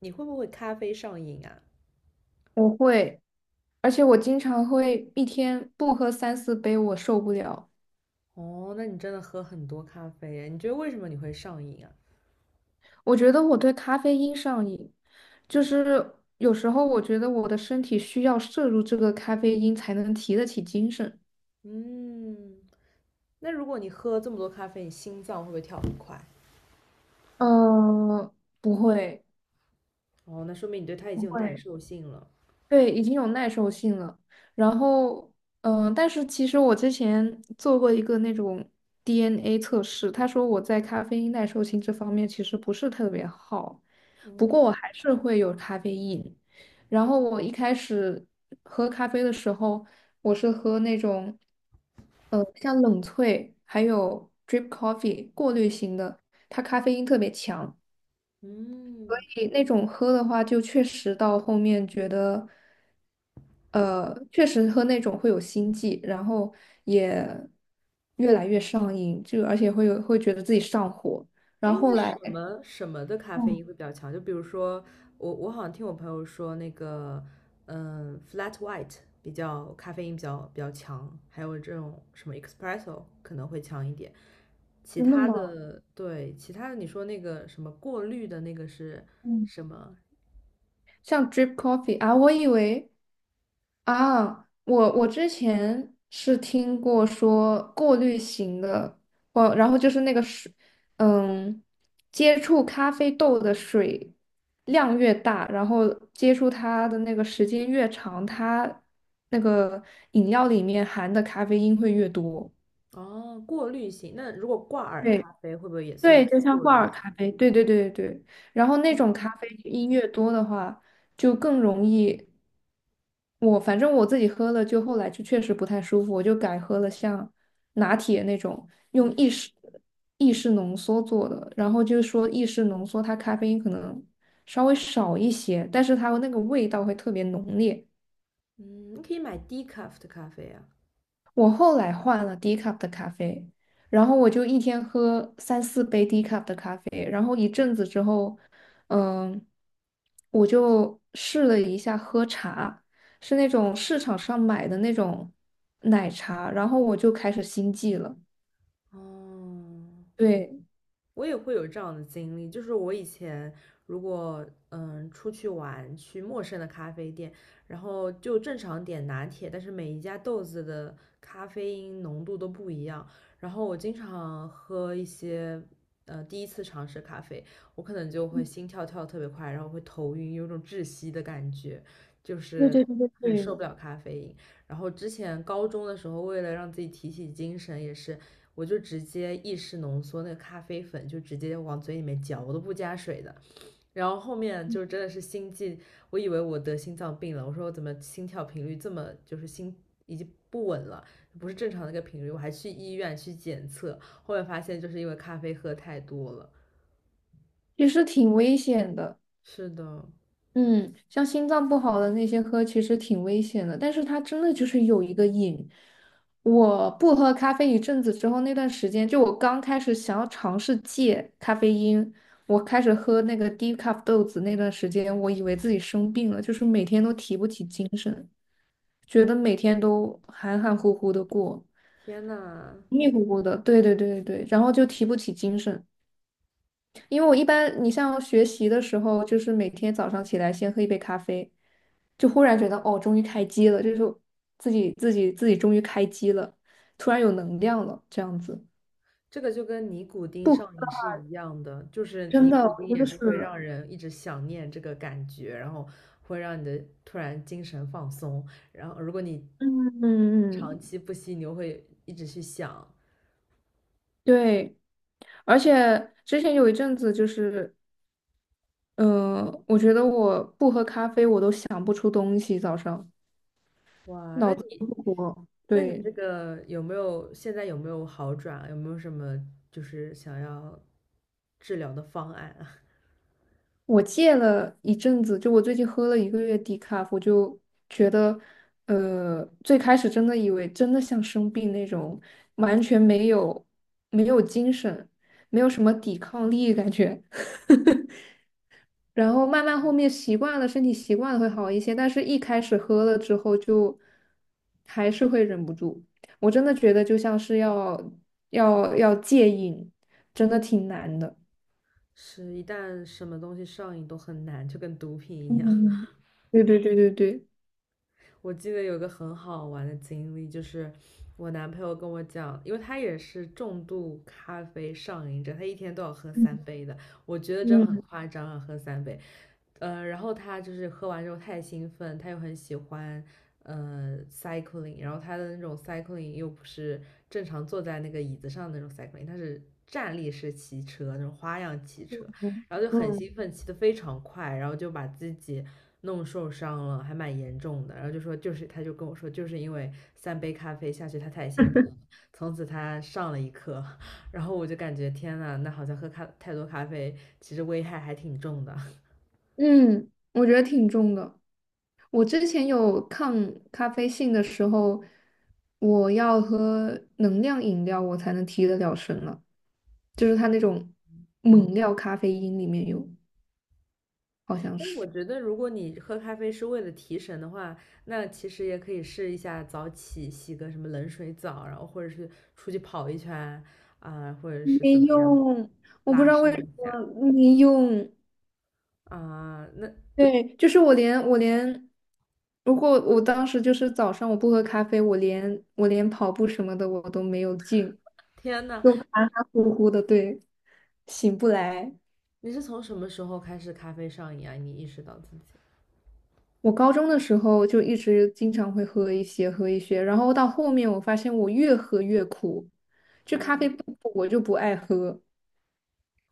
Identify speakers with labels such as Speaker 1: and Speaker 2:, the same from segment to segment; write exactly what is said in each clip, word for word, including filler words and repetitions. Speaker 1: 你会不会咖啡上瘾啊？
Speaker 2: 我会，而且我经常会一天不喝三四杯，我受不了。
Speaker 1: 哦，那你真的喝很多咖啡耶？你觉得为什么你会上瘾啊？
Speaker 2: 我觉得我对咖啡因上瘾，就是有时候我觉得我的身体需要摄入这个咖啡因才能提得起精神。
Speaker 1: 嗯，那如果你喝这么多咖啡，你心脏会不会跳很快？
Speaker 2: 嗯，不会，
Speaker 1: 哦，那说明你对它已
Speaker 2: 不
Speaker 1: 经有耐
Speaker 2: 会。
Speaker 1: 受性了。
Speaker 2: 对，已经有耐受性了。然后，嗯、但是其实我之前做过一个那种 D N A 测试，他说我在咖啡因耐受性这方面其实不是特别好，不
Speaker 1: 哦，
Speaker 2: 过我还是会有咖啡因。然后我一开始喝咖啡的时候，我是喝那种，呃，像冷萃还有 drip coffee 过滤型的，它咖啡因特别强。
Speaker 1: 嗯，
Speaker 2: 诶那种喝的话，就确实到后面觉得，呃，确实喝那种会有心悸，然后也越来越上瘾，就而且会有会觉得自己上火。
Speaker 1: 哎，
Speaker 2: 然后
Speaker 1: 那
Speaker 2: 后
Speaker 1: 什
Speaker 2: 来，
Speaker 1: 么什么的咖啡
Speaker 2: 嗯
Speaker 1: 因会比较强？就比如说，我我好像听我朋友说，那个，嗯，flat white 比较咖啡因比较比较强，还有这种什么 espresso 可能会强一点。其
Speaker 2: 真的
Speaker 1: 他
Speaker 2: 吗？
Speaker 1: 的，对，其他的你说那个什么过滤的那个是
Speaker 2: 嗯，
Speaker 1: 什么？
Speaker 2: 像 drip coffee 啊，我以为。啊，我我之前是听过说过滤型的，哦，然后就是那个水，嗯，接触咖啡豆的水量越大，然后接触它的那个时间越长，它那个饮料里面含的咖啡因会越多。
Speaker 1: 哦，过滤型。那如果挂耳
Speaker 2: 对，
Speaker 1: 咖啡会不会也算
Speaker 2: 对，
Speaker 1: 是
Speaker 2: 就像
Speaker 1: 过
Speaker 2: 挂
Speaker 1: 滤
Speaker 2: 耳
Speaker 1: 型？
Speaker 2: 咖啡，对对对对对。然后那种咖
Speaker 1: 哦
Speaker 2: 啡因越多的话，就更容易。我反正我自己喝了，就后来就确实不太舒服，我就改喝了像拿铁那种
Speaker 1: 嗯
Speaker 2: 用意式意式浓缩做的。然后就是说意式浓缩它咖啡因可能稍微少一些，但是它那个味道会特别浓烈。
Speaker 1: 嗯，你可以买低 e c a f 的咖啡啊。
Speaker 2: 我后来换了低 cup 的咖啡，然后我就一天喝三四杯低 cup 的咖啡，然后一阵子之后，嗯，我就试了一下喝茶，是那种市场上买的那种奶茶，然后我就开始心悸了。
Speaker 1: 哦，
Speaker 2: 对，
Speaker 1: 我也会有这样的经历，就是我以前如果嗯出去玩，去陌生的咖啡店，然后就正常点拿铁，但是每一家豆子的咖啡因浓度都不一样，然后我经常喝一些呃第一次尝试咖啡，我可能就会心跳跳得特别快，然后会头晕，有种窒息的感觉，就
Speaker 2: 对
Speaker 1: 是
Speaker 2: 对对对
Speaker 1: 很受
Speaker 2: 对，
Speaker 1: 不了咖啡因。然后之前高中的时候，为了让自己提起精神，也是。我就直接意式浓缩那个咖啡粉，就直接往嘴里面嚼，我都不加水的。然后后面就真的是心悸，我以为我得心脏病了，我说我怎么心跳频率这么就是心已经不稳了，不是正常的一个频率，我还去医院去检测，后面发现就是因为咖啡喝太多了。
Speaker 2: 其实挺危险的。
Speaker 1: 是的，
Speaker 2: 嗯，像心脏不好的那些喝其实挺危险的，但是它真的就是有一个瘾。我不喝咖啡一阵子之后，那段时间就我刚开始想要尝试戒咖啡因，我开始喝那个低 e 豆子那段时间，我以为自己生病了，就是每天都提不起精神，觉得每天都含含糊糊的过，
Speaker 1: 天呐，
Speaker 2: 迷迷糊糊的，对对对对对，然后就提不起精神。因为我一般，你像学习的时候，就是每天早上起来先喝一杯咖啡，就忽然觉得哦，终于开机了，就是自己自己自己终于开机了，突然有能量了，这样子。
Speaker 1: 这个就跟尼古丁
Speaker 2: 不，
Speaker 1: 上瘾是一样的，就是
Speaker 2: 真
Speaker 1: 尼
Speaker 2: 的，
Speaker 1: 古丁
Speaker 2: 我觉
Speaker 1: 也
Speaker 2: 得是，
Speaker 1: 是会让人一直想念这个感觉，然后会让你的突然精神放松，然后如果你
Speaker 2: 嗯嗯
Speaker 1: 长
Speaker 2: 嗯，
Speaker 1: 期不吸，你又会一直去想，
Speaker 2: 对。而且之前有一阵子就是，嗯、我觉得我不喝咖啡，我都想不出东西，早上
Speaker 1: 哇，那
Speaker 2: 脑子
Speaker 1: 你
Speaker 2: 都不活。
Speaker 1: 那你
Speaker 2: 对，
Speaker 1: 这个有没有现在有没有好转？有没有什么就是想要治疗的方案啊？
Speaker 2: 我戒了一阵子，就我最近喝了一个月低卡，我就觉得，呃，最开始真的以为真的像生病那种，完全没有没有精神，没有什么抵抗力感觉。然后慢慢后面习惯了，身体习惯了会好一些，但是一开始喝了之后就还是会忍不住。我真的觉得就像是要要要戒瘾，真的挺难的。
Speaker 1: 是一旦什么东西上瘾都很难，就跟毒品一样。
Speaker 2: 嗯对对对对对。
Speaker 1: 我记得有个很好玩的经历，就是我男朋友跟我讲，因为他也是重度咖啡上瘾者，他一天都要喝三杯的。我觉得这很
Speaker 2: 嗯
Speaker 1: 夸张啊，喝三杯。呃，然后他就是喝完之后太兴奋，他又很喜欢呃 cycling，然后他的那种 cycling 又不是正常坐在那个椅子上的那种 cycling，他是站立式骑车那种花样骑车，
Speaker 2: 嗯
Speaker 1: 然后就很
Speaker 2: 嗯
Speaker 1: 兴奋，骑得非常快，然后就把自己弄受伤了，还蛮严重的。然后就说就是，他就跟我说，就是因为三杯咖啡下去，他太兴奋了，从此他上了一课。然后我就感觉天呐，那好像喝咖太多咖啡，其实危害还挺重的。
Speaker 2: 嗯，我觉得挺重的。我之前有抗咖啡性的时候，我要喝能量饮料，我才能提得了神了。就是它那种猛料咖啡因里面有，好像
Speaker 1: 但我
Speaker 2: 是
Speaker 1: 觉得，如果你喝咖啡是为了提神的话，那其实也可以试一下早起，洗个什么冷水澡，然后或者是出去跑一圈啊、或者是怎
Speaker 2: 没
Speaker 1: 么样
Speaker 2: 用，我不知
Speaker 1: 拉
Speaker 2: 道
Speaker 1: 伸
Speaker 2: 为什
Speaker 1: 一下
Speaker 2: 么没用。
Speaker 1: 啊、那
Speaker 2: 对，就是我连我连，如果我当时就是早上我不喝咖啡，我连我连跑步什么的我都没有劲，
Speaker 1: 天呐，
Speaker 2: 就含含糊糊的，对，醒不来。
Speaker 1: 你是从什么时候开始咖啡上瘾啊？你意识到自己？
Speaker 2: 我高中的时候就一直经常会喝一些喝一些，然后到后面我发现我越喝越苦，就咖啡
Speaker 1: 嗯
Speaker 2: 不苦我就不爱喝，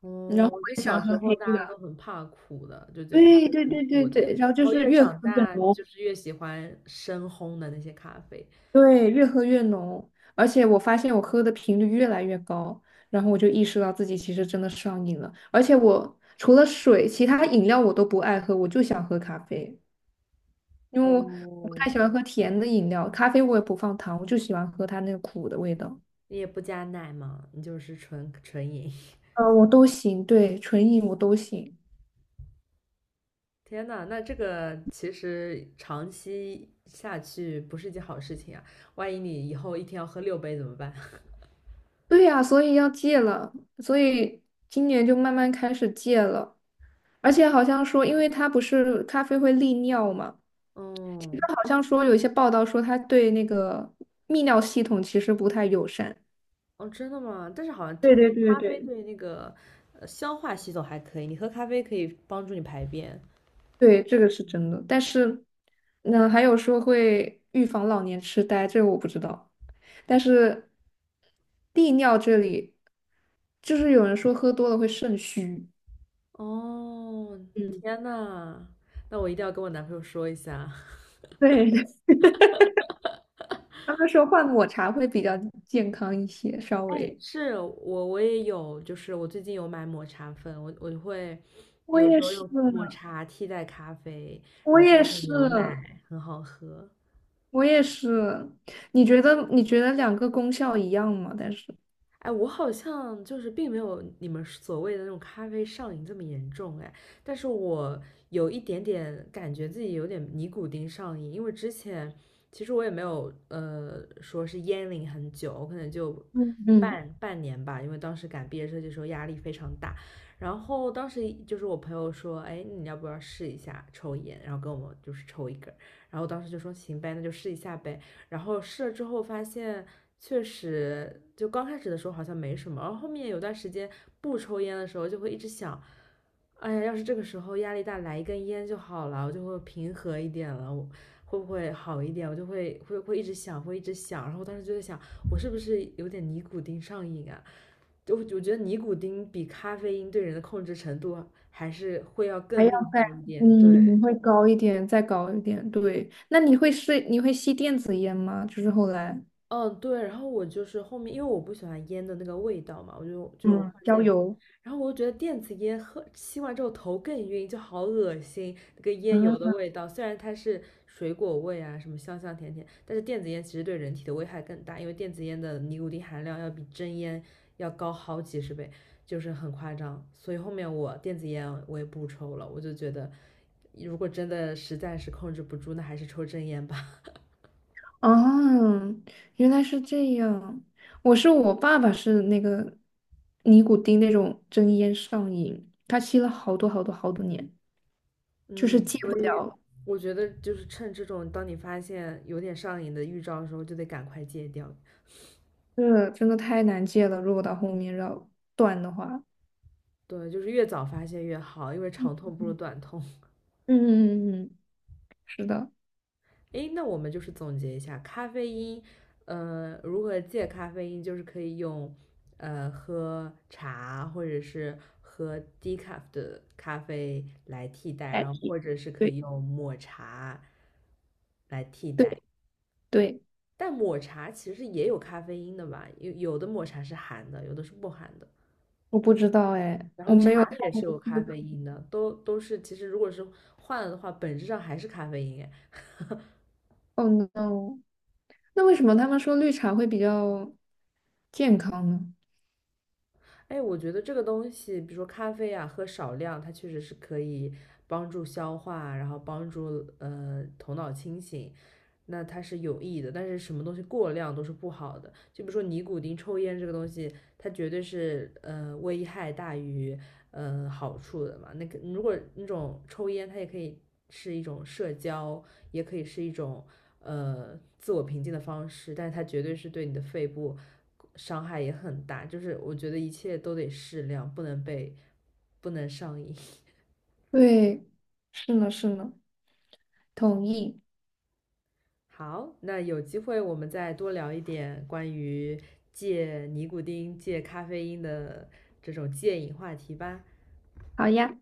Speaker 1: 嗯，
Speaker 2: 然后
Speaker 1: 我觉
Speaker 2: 我
Speaker 1: 得
Speaker 2: 也喜欢
Speaker 1: 小
Speaker 2: 喝
Speaker 1: 时候
Speaker 2: 黑
Speaker 1: 大家都
Speaker 2: 的，
Speaker 1: 很怕苦的，就觉得咖
Speaker 2: 对
Speaker 1: 啡
Speaker 2: 对
Speaker 1: 苦
Speaker 2: 对对
Speaker 1: 苦的，
Speaker 2: 对，然后
Speaker 1: 然
Speaker 2: 就
Speaker 1: 后
Speaker 2: 是
Speaker 1: 越
Speaker 2: 越喝
Speaker 1: 长
Speaker 2: 越
Speaker 1: 大
Speaker 2: 浓，
Speaker 1: 就是越喜欢深烘的那些咖啡。
Speaker 2: 对，越喝越浓，而且我发现我喝的频率越来越高，然后我就意识到自己其实真的上瘾了，而且我除了水，其他饮料我都不爱喝，我就想喝咖啡。因为我我不
Speaker 1: 哦，
Speaker 2: 太喜欢喝甜的饮料，咖啡我也不放糖，我就喜欢喝它那个苦的味道。
Speaker 1: 你也不加奶嘛，你就是纯纯饮。
Speaker 2: 嗯，我都行，对，纯饮我都行。
Speaker 1: 天呐，那这个其实长期下去不是一件好事情啊！万一你以后一天要喝六杯怎么办？
Speaker 2: 对呀，所以要戒了，所以今年就慢慢开始戒了。而且好像说，因为它不是咖啡会利尿嘛，
Speaker 1: 哦
Speaker 2: 它好像说有一些报道说它对那个泌尿系统其实不太友善。
Speaker 1: 哦，真的吗？但是好像
Speaker 2: 对
Speaker 1: 听
Speaker 2: 对
Speaker 1: 说
Speaker 2: 对
Speaker 1: 咖啡
Speaker 2: 对。
Speaker 1: 对那个呃消化系统还可以，你喝咖啡可以帮助你排便。
Speaker 2: 对，这个是真的。但是，那还有说会预防老年痴呆，这个我不知道。但是利尿这里，就是有人说喝多了会肾虚。
Speaker 1: 哦，
Speaker 2: 嗯。
Speaker 1: 天呐，那我一定要跟我男朋友说一下。
Speaker 2: 对，对他们说换抹茶会比较健康一些，稍
Speaker 1: 哎，
Speaker 2: 微。
Speaker 1: 是我我也有，就是我最近有买抹茶粉，我我会
Speaker 2: 我
Speaker 1: 有
Speaker 2: 也
Speaker 1: 时候
Speaker 2: 是，
Speaker 1: 用抹茶替代咖啡，
Speaker 2: 我
Speaker 1: 然后加
Speaker 2: 也
Speaker 1: 点
Speaker 2: 是，
Speaker 1: 牛奶，很好喝。
Speaker 2: 我也是。你觉得你觉得两个功效一样吗？但是，
Speaker 1: 哎，我好像就是并没有你们所谓的那种咖啡上瘾这么严重哎，但是我有一点点感觉自己有点尼古丁上瘾，因为之前其实我也没有呃说是烟龄很久，我可能就
Speaker 2: 嗯嗯，
Speaker 1: 半半年吧，因为当时赶毕业设计的时候压力非常大，然后当时就是我朋友说，哎，你要不要试一下抽烟，然后跟我们就是抽一根儿，然后我当时就说行呗，那就试一下呗，然后试了之后发现，确实就刚开始的时候好像没什么，然后后面有段时间不抽烟的时候，就会一直想，哎呀，要是这个时候压力大来一根烟就好了，我就会平和一点了，我会不会好一点？我就会会会一直想，会一直想，然后我当时就在想，我是不是有点尼古丁上瘾啊？就我觉得尼古丁比咖啡因对人的控制程度还是会要
Speaker 2: 还
Speaker 1: 更
Speaker 2: 要
Speaker 1: 厉害
Speaker 2: 再
Speaker 1: 一点，对。
Speaker 2: 嗯会高一点，再高一点。对，那你会是你会吸电子烟吗？就是后来
Speaker 1: 嗯，对，然后我就是后面，因为我不喜欢烟的那个味道嘛，我就
Speaker 2: 嗯，
Speaker 1: 就
Speaker 2: 嗯，
Speaker 1: 换
Speaker 2: 焦
Speaker 1: 电子烟，
Speaker 2: 油。
Speaker 1: 然后我就觉得电子烟喝吸完之后头更晕，就好恶心，那个烟油的
Speaker 2: 啊，
Speaker 1: 味道。虽然它是水果味啊，什么香香甜甜，但是电子烟其实对人体的危害更大，因为电子烟的尼古丁含量要比真烟要高好几十倍，就是很夸张。所以后面我电子烟我也不抽了，我就觉得如果真的实在是控制不住，那还是抽真烟吧。
Speaker 2: 哦，原来是这样。我是我爸爸是那个尼古丁那种真烟上瘾，他吸了好多好多好多年，就是
Speaker 1: 嗯，
Speaker 2: 戒
Speaker 1: 所
Speaker 2: 不
Speaker 1: 以
Speaker 2: 了。
Speaker 1: 我觉得就是趁这种，当你发现有点上瘾的预兆的时候，就得赶快戒掉。
Speaker 2: 是，真的太难戒了。如果到后面要断的话，
Speaker 1: 对，就是越早发现越好，因为长
Speaker 2: 嗯
Speaker 1: 痛不如短痛。
Speaker 2: 嗯嗯嗯，嗯是的，
Speaker 1: 诶，那我们就是总结一下，咖啡因，呃，如何戒咖啡因，就是可以用，呃，喝茶或者是喝低 e 的咖啡来替代，
Speaker 2: 代
Speaker 1: 然后
Speaker 2: 替。
Speaker 1: 或者是可
Speaker 2: 对
Speaker 1: 以用抹茶来替
Speaker 2: 对
Speaker 1: 代。
Speaker 2: 对，
Speaker 1: 但抹茶其实也有咖啡因的吧，有有的抹茶是含的，有的是不含的。
Speaker 2: 我不知道哎，
Speaker 1: 然后
Speaker 2: 我没有。
Speaker 1: 茶也是有咖啡因的，都都是其实如果是换了的话，本质上还是咖啡因。哎，
Speaker 2: Oh no，那为什么他们说绿茶会比较健康呢？
Speaker 1: 哎，我觉得这个东西，比如说咖啡啊，喝少量，它确实是可以帮助消化，然后帮助呃头脑清醒，那它是有益的。但是什么东西过量都是不好的，就比如说尼古丁、抽烟这个东西，它绝对是呃危害大于呃好处的嘛。那个如果那种抽烟，它也可以是一种社交，也可以是一种呃自我平静的方式，但是它绝对是对你的肺部伤害也很大。就是我觉得一切都得适量，不能被不能上瘾。
Speaker 2: 对，是呢是呢，同意。
Speaker 1: 好，那有机会我们再多聊一点关于戒尼古丁、戒咖啡因的这种戒瘾话题吧。
Speaker 2: 好呀。